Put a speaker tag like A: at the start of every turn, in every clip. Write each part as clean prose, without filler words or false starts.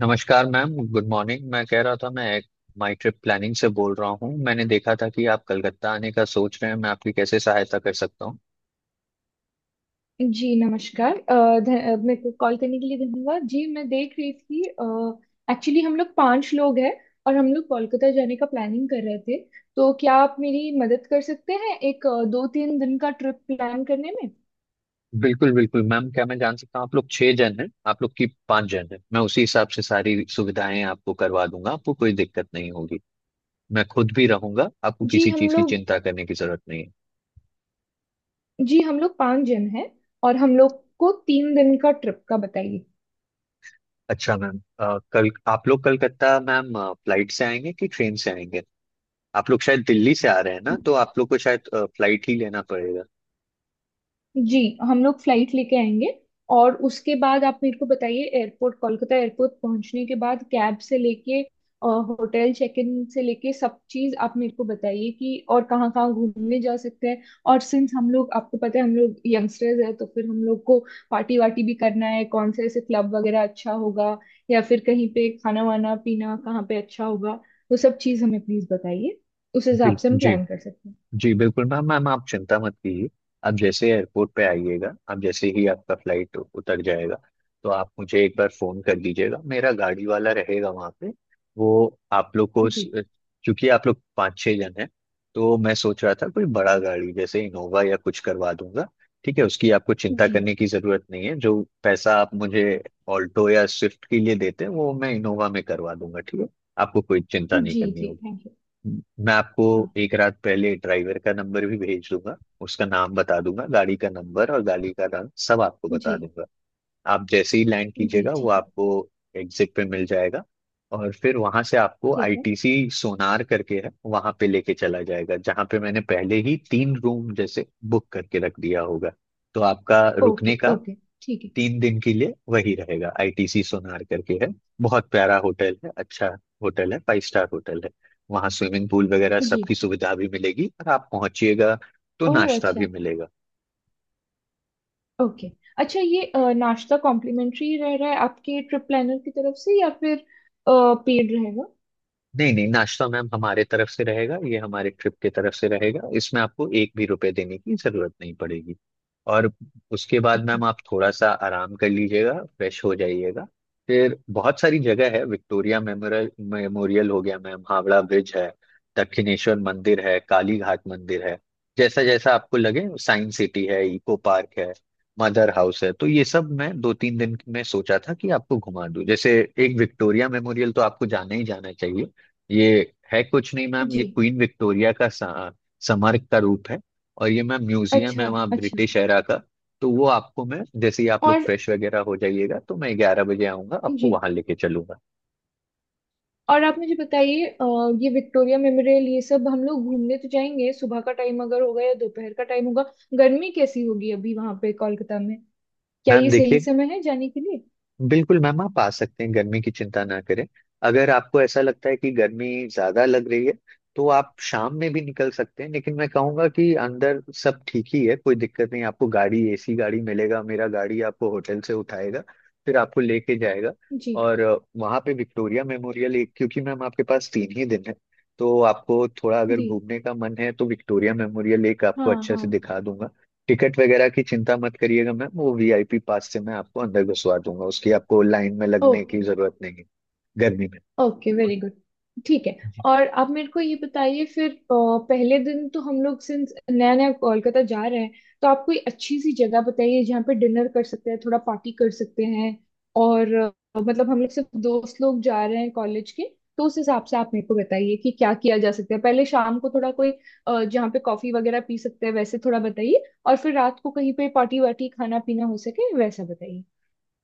A: नमस्कार ma'am, good morning. मैं कह रहा था, मैं एक माई ट्रिप प्लानिंग से बोल रहा हूँ। मैंने देखा था कि आप कलकत्ता आने का सोच रहे हैं। मैं आपकी कैसे सहायता कर सकता हूँ?
B: जी नमस्कार। मेरे को कॉल करने के लिए धन्यवाद जी। मैं देख रही थी, एक्चुअली हम लोग पांच लोग हैं और हम लोग कोलकाता जाने का प्लानिंग कर रहे थे। तो क्या आप मेरी मदद कर सकते हैं एक दो तीन दिन का ट्रिप प्लान करने में?
A: बिल्कुल बिल्कुल मैम। क्या मैं जान सकता हूँ, आप लोग 6 जन हैं, आप लोग की 5 जन हैं। मैं उसी हिसाब से सारी सुविधाएं आपको करवा दूंगा, आपको कोई दिक्कत नहीं होगी। मैं खुद भी रहूंगा, आपको
B: जी
A: किसी
B: हम
A: चीज की
B: लोग
A: चिंता करने की जरूरत नहीं है।
B: जी हम लोग पांच जन हैं और हम लोग को तीन दिन का ट्रिप का बताइए।
A: अच्छा मैम, कल आप लोग कलकत्ता मैम फ्लाइट से आएंगे कि ट्रेन से आएंगे? आप लोग शायद दिल्ली से आ रहे हैं ना, तो आप लोग को शायद फ्लाइट ही लेना पड़ेगा।
B: जी हम लोग फ्लाइट लेके आएंगे। और उसके बाद आप मेरे को बताइए, एयरपोर्ट कोलकाता एयरपोर्ट पहुंचने के बाद कैब से लेके होटल चेक इन से लेके सब चीज आप मेरे को बताइए कि और कहाँ कहाँ घूमने जा सकते हैं। और सिंस हम लोग, आपको पता है, हम लोग यंगस्टर्स हैं, तो फिर हम लोग को पार्टी वार्टी भी करना है। कौन से ऐसे क्लब वगैरह अच्छा होगा, या फिर कहीं पे खाना वाना पीना कहाँ पे अच्छा होगा, वो सब चीज हमें प्लीज बताइए। उस
A: जी
B: हिसाब से हम
A: जी
B: प्लान कर सकते हैं।
A: जी, बिल्कुल मैम मैम आप चिंता मत कीजिए। आप जैसे एयरपोर्ट पे आइएगा, आप जैसे ही आपका फ्लाइट उतर जाएगा तो आप मुझे एक बार फोन कर दीजिएगा। मेरा गाड़ी वाला रहेगा वहाँ पे। वो आप लोग को
B: जी
A: क्योंकि आप लोग 5-6 जन हैं, तो मैं सोच रहा था कोई बड़ा गाड़ी जैसे इनोवा या कुछ करवा दूंगा। ठीक है, उसकी आपको चिंता
B: जी।
A: करने की ज़रूरत नहीं है। जो पैसा आप मुझे ऑल्टो या स्विफ्ट के लिए देते हैं, वो मैं इनोवा में करवा दूंगा। ठीक है, आपको कोई चिंता नहीं
B: जी
A: करनी
B: जी,
A: होगी।
B: थैंक
A: मैं आपको
B: यू।
A: एक रात पहले ड्राइवर का नंबर भी भेज दूंगा। उसका नाम बता दूंगा, गाड़ी का नंबर और गाड़ी का रंग सब आपको
B: जी।
A: बता दूंगा। आप जैसे ही लैंड
B: जी
A: कीजिएगा वो
B: ठीक है।
A: आपको एग्जिट पे मिल जाएगा। और फिर वहां से आपको
B: ठीक है।
A: आईटीसी सोनार करके है, वहां पे लेके चला जाएगा, जहां पे मैंने पहले ही 3 रूम जैसे बुक करके रख दिया होगा। तो आपका
B: ओके
A: रुकने का
B: ओके। ठीक है।
A: 3 दिन के लिए वही रहेगा, आईटीसी सोनार करके है। बहुत प्यारा होटल है, अच्छा होटल है, फाइव स्टार होटल है। वहाँ स्विमिंग पूल वगैरह
B: जी।
A: सबकी सुविधा भी मिलेगी, और आप पहुंचिएगा तो
B: ओह
A: नाश्ता भी
B: अच्छा।
A: मिलेगा।
B: ओके। अच्छा, ये नाश्ता कॉम्प्लीमेंट्री रह रहा है आपके ट्रिप प्लानर की तरफ से, या फिर पेड रहेगा?
A: नहीं नहीं, नाश्ता मैम हमारे तरफ से रहेगा, ये हमारे ट्रिप की तरफ से रहेगा, इसमें आपको एक भी रुपए देने की जरूरत नहीं पड़ेगी। और उसके बाद
B: ओके।
A: मैम आप थोड़ा सा आराम कर लीजिएगा, फ्रेश हो जाइएगा। फिर बहुत सारी जगह है। विक्टोरिया मेमोरियल मेमोरियल हो गया मैम, हावड़ा ब्रिज है, दक्षिणेश्वर मंदिर है, काली घाट मंदिर है, जैसा जैसा आपको लगे। साइंस सिटी है, इको पार्क है, मदर हाउस है। तो ये सब मैं 2-3 दिन में सोचा था कि आपको घुमा दूं। जैसे एक विक्टोरिया मेमोरियल तो आपको जाना ही जाना चाहिए। ये है कुछ नहीं मैम,
B: जी।
A: ये क्वीन विक्टोरिया का स्मारक का रूप है। और ये मैम म्यूजियम
B: अच्छा।
A: है, वहाँ
B: अच्छा।
A: ब्रिटिश एरा का। तो वो आपको, मैं जैसे ही आप लोग
B: और
A: फ्रेश वगैरह हो जाइएगा, तो मैं 11 बजे आऊंगा, आपको
B: जी।
A: वहां लेके चलूंगा।
B: और आप मुझे बताइए, ये विक्टोरिया मेमोरियल, ये सब हम लोग घूमने तो जाएंगे, सुबह का टाइम अगर होगा या दोपहर का टाइम होगा? गर्मी कैसी होगी अभी वहां पे कोलकाता में? क्या
A: मैम
B: ये सही
A: देखिए,
B: समय है जाने के लिए?
A: बिल्कुल मैम आप आ सकते हैं, गर्मी की चिंता ना करें। अगर आपको ऐसा लगता है कि गर्मी ज्यादा लग रही है तो आप शाम में भी निकल सकते हैं, लेकिन मैं कहूंगा कि अंदर सब ठीक ही है, कोई दिक्कत नहीं। आपको गाड़ी, एसी गाड़ी मिलेगा, मेरा गाड़ी आपको होटल से उठाएगा, फिर आपको लेके जाएगा।
B: जी।
A: और वहां पे विक्टोरिया मेमोरियल एक, क्योंकि मैम आपके पास 3 ही दिन है, तो आपको थोड़ा अगर
B: जी
A: घूमने का मन है तो विक्टोरिया मेमोरियल एक आपको
B: हाँ
A: अच्छे से
B: हाँ।
A: दिखा दूंगा। टिकट वगैरह की चिंता मत करिएगा मैम, वो वीआईपी पास से मैं आपको अंदर घुसवा दूंगा, उसकी आपको लाइन में लगने
B: ओके।
A: की जरूरत नहीं है। गर्मी
B: ओके वेरी गुड। ठीक है।
A: में
B: और आप मेरे को ये बताइए फिर पहले दिन तो हम लोग सिंस नया नया कोलकाता जा रहे हैं, तो आप कोई अच्छी सी जगह बताइए जहाँ पे डिनर कर सकते हैं, थोड़ा पार्टी कर सकते हैं। और मतलब हम लोग सिर्फ दोस्त लोग जा रहे हैं, कॉलेज के। तो उस हिसाब से आप मेरे को बताइए कि क्या किया जा सकता है। पहले शाम को थोड़ा कोई जहाँ पे कॉफी वगैरह पी सकते हैं, वैसे थोड़ा बताइए, और फिर रात को कहीं पे पार्टी वार्टी खाना पीना हो सके, वैसा बताइए।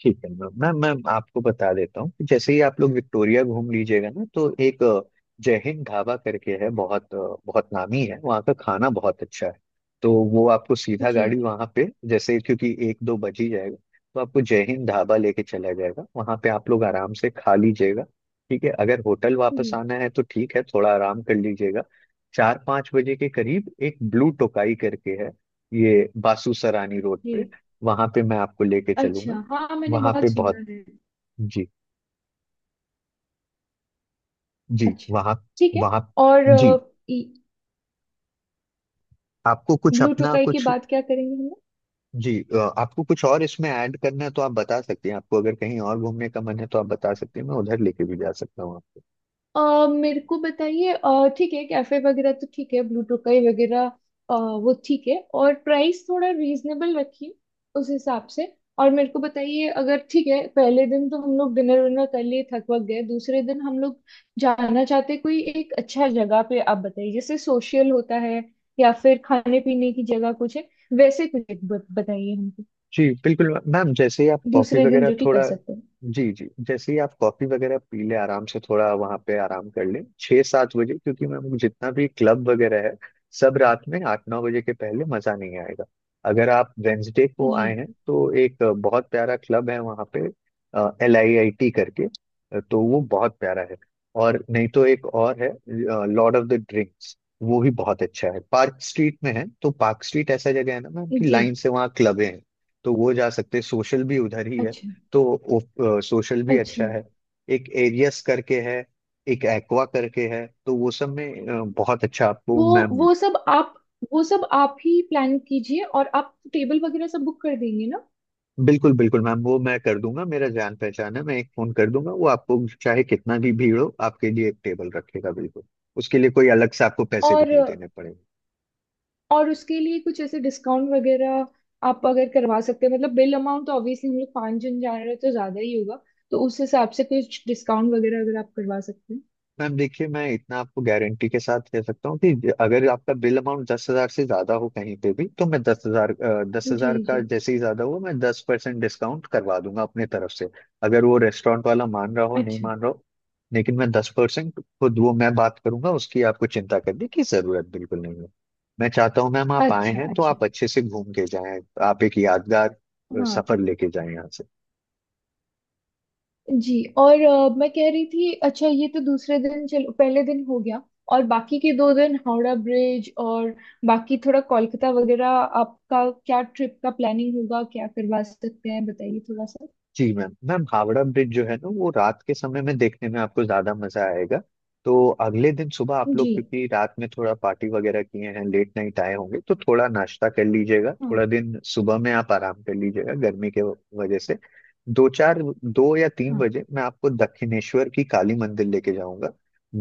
A: ठीक है मैम मैम मैम आपको बता देता हूँ कि जैसे ही आप लोग विक्टोरिया घूम लीजिएगा ना, तो एक जय हिंद ढाबा करके है। बहुत नामी है, वहाँ का खाना बहुत अच्छा है। तो वो आपको सीधा
B: जी
A: गाड़ी वहाँ पे, जैसे क्योंकि 1-2 बज ही जाएगा, तो आपको जय हिंद ढाबा लेके चला जाएगा। वहाँ पे आप लोग आराम से खा लीजिएगा। ठीक है, अगर होटल वापस
B: जी।
A: आना है तो ठीक है, थोड़ा आराम कर लीजिएगा। 4-5 बजे के करीब एक ब्लू टोकाई करके है, ये बासु सरानी रोड पे,
B: जी।
A: वहां पे मैं आपको लेके चलूंगा।
B: अच्छा, हाँ, मैंने
A: वहां पे
B: बहुत सुना
A: बहुत...
B: है।
A: जी जी।
B: अच्छा।
A: वहां
B: ठीक है।
A: वहां
B: और
A: जी, आपको कुछ
B: ब्लू
A: अपना
B: टोकाई की
A: कुछ...
B: बात क्या करेंगे हम लोग?
A: जी आपको कुछ और इसमें ऐड करना है तो आप बता सकते हैं, आपको अगर कहीं और घूमने का मन है तो आप बता सकते हैं, मैं उधर लेके भी जा सकता हूँ।
B: मेरे को बताइए, ठीक है कैफे वगैरह तो ठीक है, ब्लू टोकाई वगैरह वो ठीक है, और प्राइस थोड़ा रीजनेबल रखिए उस हिसाब से। और मेरे को बताइए, अगर ठीक है पहले दिन तो हम लोग डिनर विनर कर लिए, थक वक गए, दूसरे दिन हम लोग जाना चाहते कोई एक अच्छा जगह पे, आप बताइए जैसे सोशल होता है, या फिर खाने पीने की जगह कुछ है, वैसे कुछ एक बताइए हमको,
A: जी बिल्कुल मैम, जैसे ही आप कॉफी
B: दूसरे दिन
A: वगैरह
B: जो कि कर
A: थोड़ा...
B: सकते हैं।
A: जी जी, जैसे ही आप कॉफी वगैरह पी लें, आराम से थोड़ा वहां पे आराम कर लें 6-7 बजे, क्योंकि मैम जितना भी क्लब वगैरह है, सब रात में 8-9 बजे के पहले मजा नहीं आएगा। अगर आप वेंसडे को
B: जी
A: आए हैं तो एक बहुत प्यारा क्लब है वहाँ पे, एल आई आई टी करके। तो वो बहुत प्यारा है। और नहीं तो एक और है, लॉर्ड ऑफ द ड्रिंक्स, वो भी बहुत अच्छा है, पार्क स्ट्रीट में है। तो पार्क स्ट्रीट ऐसा जगह है ना मैम कि
B: जी।
A: लाइन से वहाँ क्लब है, तो वो जा सकते हैं। सोशल भी उधर ही है,
B: अच्छा।
A: तो वो, सोशल भी
B: अच्छा।
A: अच्छा है। एक एरियस करके है, एक एक्वा करके है, तो वो सब में बहुत अच्छा आपको
B: वो
A: मैम।
B: वो सब आप वो सब आप ही प्लान कीजिए, और आप टेबल वगैरह सब बुक कर देंगे ना?
A: बिल्कुल बिल्कुल मैम, वो मैं कर दूंगा। मेरा जान पहचान है, मैं एक फोन कर दूंगा, वो आपको चाहे कितना भी भीड़ हो, आपके लिए एक टेबल रखेगा बिल्कुल। उसके लिए कोई अलग से आपको पैसे भी
B: और
A: नहीं देने पड़ेंगे।
B: और उसके लिए कुछ ऐसे डिस्काउंट वगैरह आप अगर करवा सकते हैं, मतलब बिल अमाउंट तो ऑब्वियसली हम लोग पाँच जन जा रहे हैं, तो ज़्यादा ही होगा। तो उस हिसाब से कुछ डिस्काउंट वगैरह अगर आप करवा सकते
A: मैम देखिए, मैं इतना आपको गारंटी के साथ कह सकता हूँ कि अगर आपका बिल अमाउंट 10,000 से ज्यादा हो कहीं पे भी, तो मैं 10,000,
B: हैं। जी
A: का
B: जी।
A: जैसे ही ज्यादा हुआ मैं 10% डिस्काउंट करवा दूंगा अपने तरफ से, अगर वो रेस्टोरेंट वाला मान रहा हो नहीं
B: अच्छा।
A: मान रहा हो। लेकिन मैं 10% खुद, वो मैं बात करूंगा, उसकी आपको चिंता करने की जरूरत बिल्कुल नहीं है। मैं चाहता हूँ मैम, आप आए
B: अच्छा।
A: हैं तो
B: अच्छा
A: आप अच्छे से घूम के जाएं, आप एक यादगार
B: हाँ
A: सफर लेके जाएं यहाँ से।
B: जी। और मैं कह रही थी, अच्छा ये तो दूसरे दिन, चलो पहले दिन हो गया, और बाकी के दो दिन हावड़ा ब्रिज और बाकी थोड़ा कोलकाता वगैरह, आपका क्या ट्रिप का प्लानिंग होगा, क्या करवा सकते हैं बताइए थोड़ा सा।
A: जी मैम, हावड़ा ब्रिज जो है ना, वो रात के समय में देखने में आपको ज्यादा मजा आएगा। तो अगले दिन सुबह आप
B: जी।
A: लोग, क्योंकि रात में थोड़ा पार्टी वगैरह किए हैं, लेट नाइट आए होंगे, तो थोड़ा नाश्ता कर लीजिएगा,
B: हाँ
A: थोड़ा दिन सुबह में आप आराम कर लीजिएगा गर्मी के वजह से। दो चार, दो या तीन
B: हाँ।
A: बजे मैं आपको दक्षिणेश्वर की काली मंदिर लेके जाऊंगा।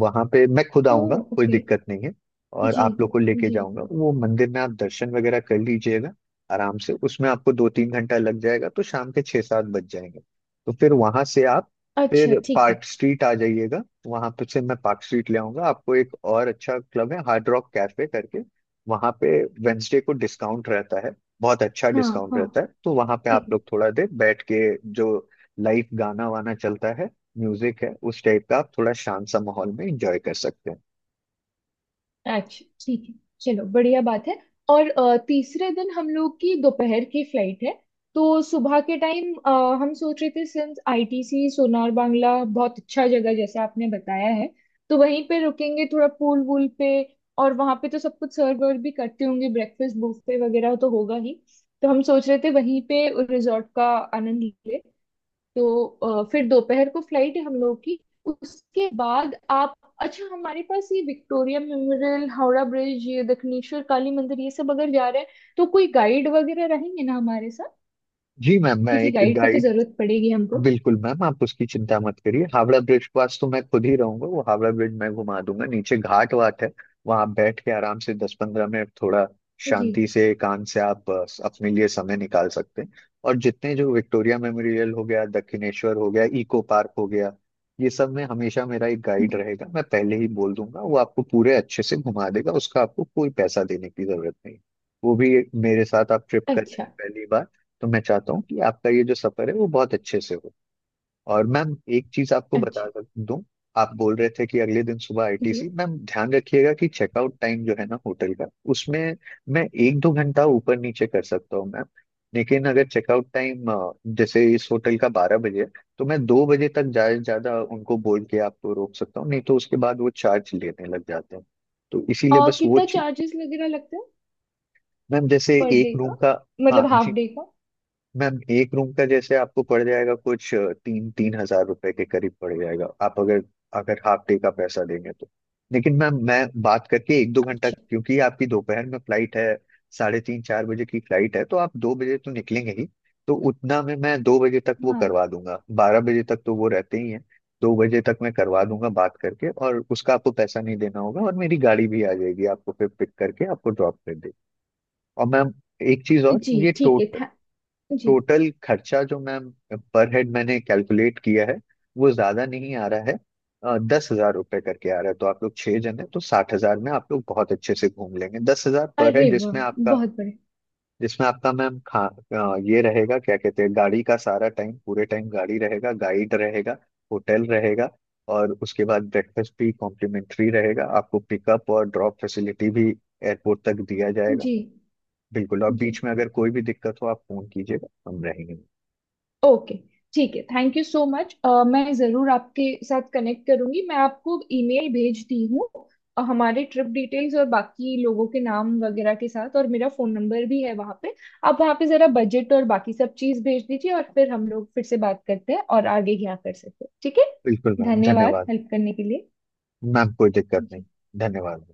A: वहां पे मैं खुद
B: ओ
A: आऊंगा, कोई
B: ओके।
A: दिक्कत नहीं है। और
B: जी
A: आप लोग को लेके
B: जी।
A: जाऊंगा, वो मंदिर में आप दर्शन वगैरह कर लीजिएगा। आराम से उसमें आपको 2-3 घंटा लग जाएगा, तो शाम के 6-7 बज जाएंगे। तो फिर वहां से आप
B: अच्छा
A: फिर
B: ठीक है।
A: पार्क स्ट्रीट आ जाइएगा, वहां पे से मैं पार्क स्ट्रीट ले आऊंगा। आपको एक और अच्छा क्लब है, हार्ड रॉक कैफे करके, वहां पे वेंसडे को डिस्काउंट रहता है, बहुत अच्छा
B: हाँ
A: डिस्काउंट
B: हाँ,
A: रहता है। तो वहां पे आप
B: ठीक है।
A: लोग थोड़ा देर बैठ के, जो लाइव गाना वाना चलता है, म्यूजिक है उस टाइप का, आप थोड़ा शांत सा माहौल में एंजॉय कर सकते हैं।
B: अच्छा ठीक है। चलो बढ़िया बात है। और तीसरे दिन हम लोग की दोपहर की फ्लाइट है, तो सुबह के टाइम हम सोच रहे थे, सिंस आईटीसी सोनार बांग्ला बहुत अच्छा जगह जैसे आपने बताया है, तो वहीं पे रुकेंगे थोड़ा पूल वूल पे। और वहां पे तो सब कुछ सर्व वर्व भी करते होंगे, ब्रेकफास्ट बुफे वगैरह तो होगा ही, तो हम सोच रहे थे वहीं पे रिजॉर्ट का आनंद ले। तो फिर दोपहर को फ्लाइट है हम लोग की। उसके बाद आप, अच्छा, हमारे पास ये विक्टोरिया मेमोरियल, हावड़ा ब्रिज, ये दक्षिणेश्वर काली मंदिर, ये सब अगर जा रहे हैं, तो कोई गाइड वगैरह रहेंगे ना हमारे साथ,
A: जी मैम, मैं
B: क्योंकि
A: एक
B: गाइड की तो
A: गाइड...
B: जरूरत पड़ेगी हमको।
A: बिल्कुल मैम आप उसकी चिंता मत करिए, हावड़ा ब्रिज के पास तो मैं खुद ही रहूंगा, वो हावड़ा ब्रिज मैं घुमा दूंगा। नीचे घाट वाट है, वहां आप बैठ के आराम से 10-15 मिनट थोड़ा
B: जी।
A: शांति से एकांत से आप अपने लिए समय निकाल सकते हैं। और जितने, जो विक्टोरिया मेमोरियल हो गया, दक्षिणेश्वर हो गया, इको पार्क हो गया, ये सब में हमेशा मेरा एक
B: हाँ
A: गाइड
B: जी।
A: रहेगा। मैं पहले ही बोल दूंगा, वो आपको पूरे अच्छे से घुमा देगा, उसका आपको कोई पैसा देने की जरूरत नहीं। वो भी, मेरे साथ आप ट्रिप कर रहे
B: अच्छा।
A: हैं पहली बार, तो मैं चाहता हूँ कि आपका ये जो सफर है वो बहुत अच्छे से हो। और मैम एक चीज आपको बता
B: अच्छा।
A: दूं। आप बोल रहे थे कि अगले दिन सुबह
B: जी।
A: आईटीसी, मैम ध्यान रखिएगा कि चेकआउट टाइम जो है ना होटल का, उसमें मैं 1-2 घंटा ऊपर नीचे कर सकता हूँ मैम। लेकिन अगर चेकआउट टाइम जैसे इस होटल का 12 बजे है, तो मैं 2 बजे तक ज्यादा से ज्यादा उनको बोल के आपको रोक सकता हूँ, नहीं तो उसके बाद वो चार्ज लेने लग जाते हैं। तो इसीलिए
B: और
A: बस वो
B: कितना
A: चीज।
B: चार्जेस वगैरह लगता है
A: मैम जैसे
B: पर डे
A: एक
B: का,
A: रूम का... हाँ
B: मतलब हाफ
A: जी,
B: डे का?
A: मैम एक रूम का जैसे आपको पड़ जाएगा, कुछ 3-3 हजार रुपए के करीब पड़ जाएगा, आप अगर, हाफ डे का पैसा देंगे तो। लेकिन मैम मैं बात करके 1-2 घंटा,
B: अच्छा।
A: क्योंकि आपकी दोपहर में फ्लाइट है, 3:30-4 बजे की फ्लाइट है, तो आप 2 बजे तो निकलेंगे ही। तो उतना में मैं 2 बजे तक वो
B: हाँ
A: करवा दूंगा, 12 बजे तक तो वो रहते ही हैं, 2 बजे तक मैं करवा दूंगा बात करके, और उसका आपको पैसा नहीं देना होगा। और मेरी गाड़ी भी आ जाएगी, आपको फिर पिक करके आपको ड्रॉप कर देगी। और मैम एक चीज और,
B: जी,
A: ये
B: ठीक है
A: टोट
B: था। जी।
A: टोटल खर्चा जो मैम पर हेड मैंने कैलकुलेट किया है, वो ज्यादा नहीं आ रहा है। ₹10,000 करके आ रहा है, तो आप लोग 6 जन है तो 60,000 में आप लोग बहुत अच्छे से घूम लेंगे, 10,000 पर हेड,
B: अरे वाह, बहुत बड़े।
A: जिसमें आपका मैम खा... ये रहेगा, क्या कहते हैं, गाड़ी का सारा टाइम, पूरे टाइम गाड़ी रहेगा, गाइड रहेगा, होटल रहेगा। और उसके बाद ब्रेकफास्ट भी कॉम्प्लीमेंट्री रहेगा, आपको पिकअप और ड्रॉप फैसिलिटी भी एयरपोर्ट तक दिया जाएगा।
B: जी
A: बिल्कुल, और
B: जी।
A: बीच में अगर कोई भी दिक्कत हो आप फोन कीजिएगा, हम रहेंगे।
B: ओके, ठीक है। Thank you so much. मैं ज़रूर आपके साथ कनेक्ट करूंगी, मैं आपको ईमेल भेजती हूँ हमारे ट्रिप डिटेल्स और बाकी लोगों के नाम वगैरह के साथ, और मेरा फ़ोन नंबर भी है वहाँ पे। आप वहाँ पे ज़रा बजट और बाकी सब चीज़ भेज दीजिए, और फिर हम लोग फिर से बात करते हैं और आगे क्या कर सकते हैं, ठीक है।
A: बिल्कुल मैम,
B: धन्यवाद,
A: धन्यवाद।
B: हेल्प करने के लिए।
A: मैम कोई दिक्कत नहीं,
B: जी।
A: धन्यवाद।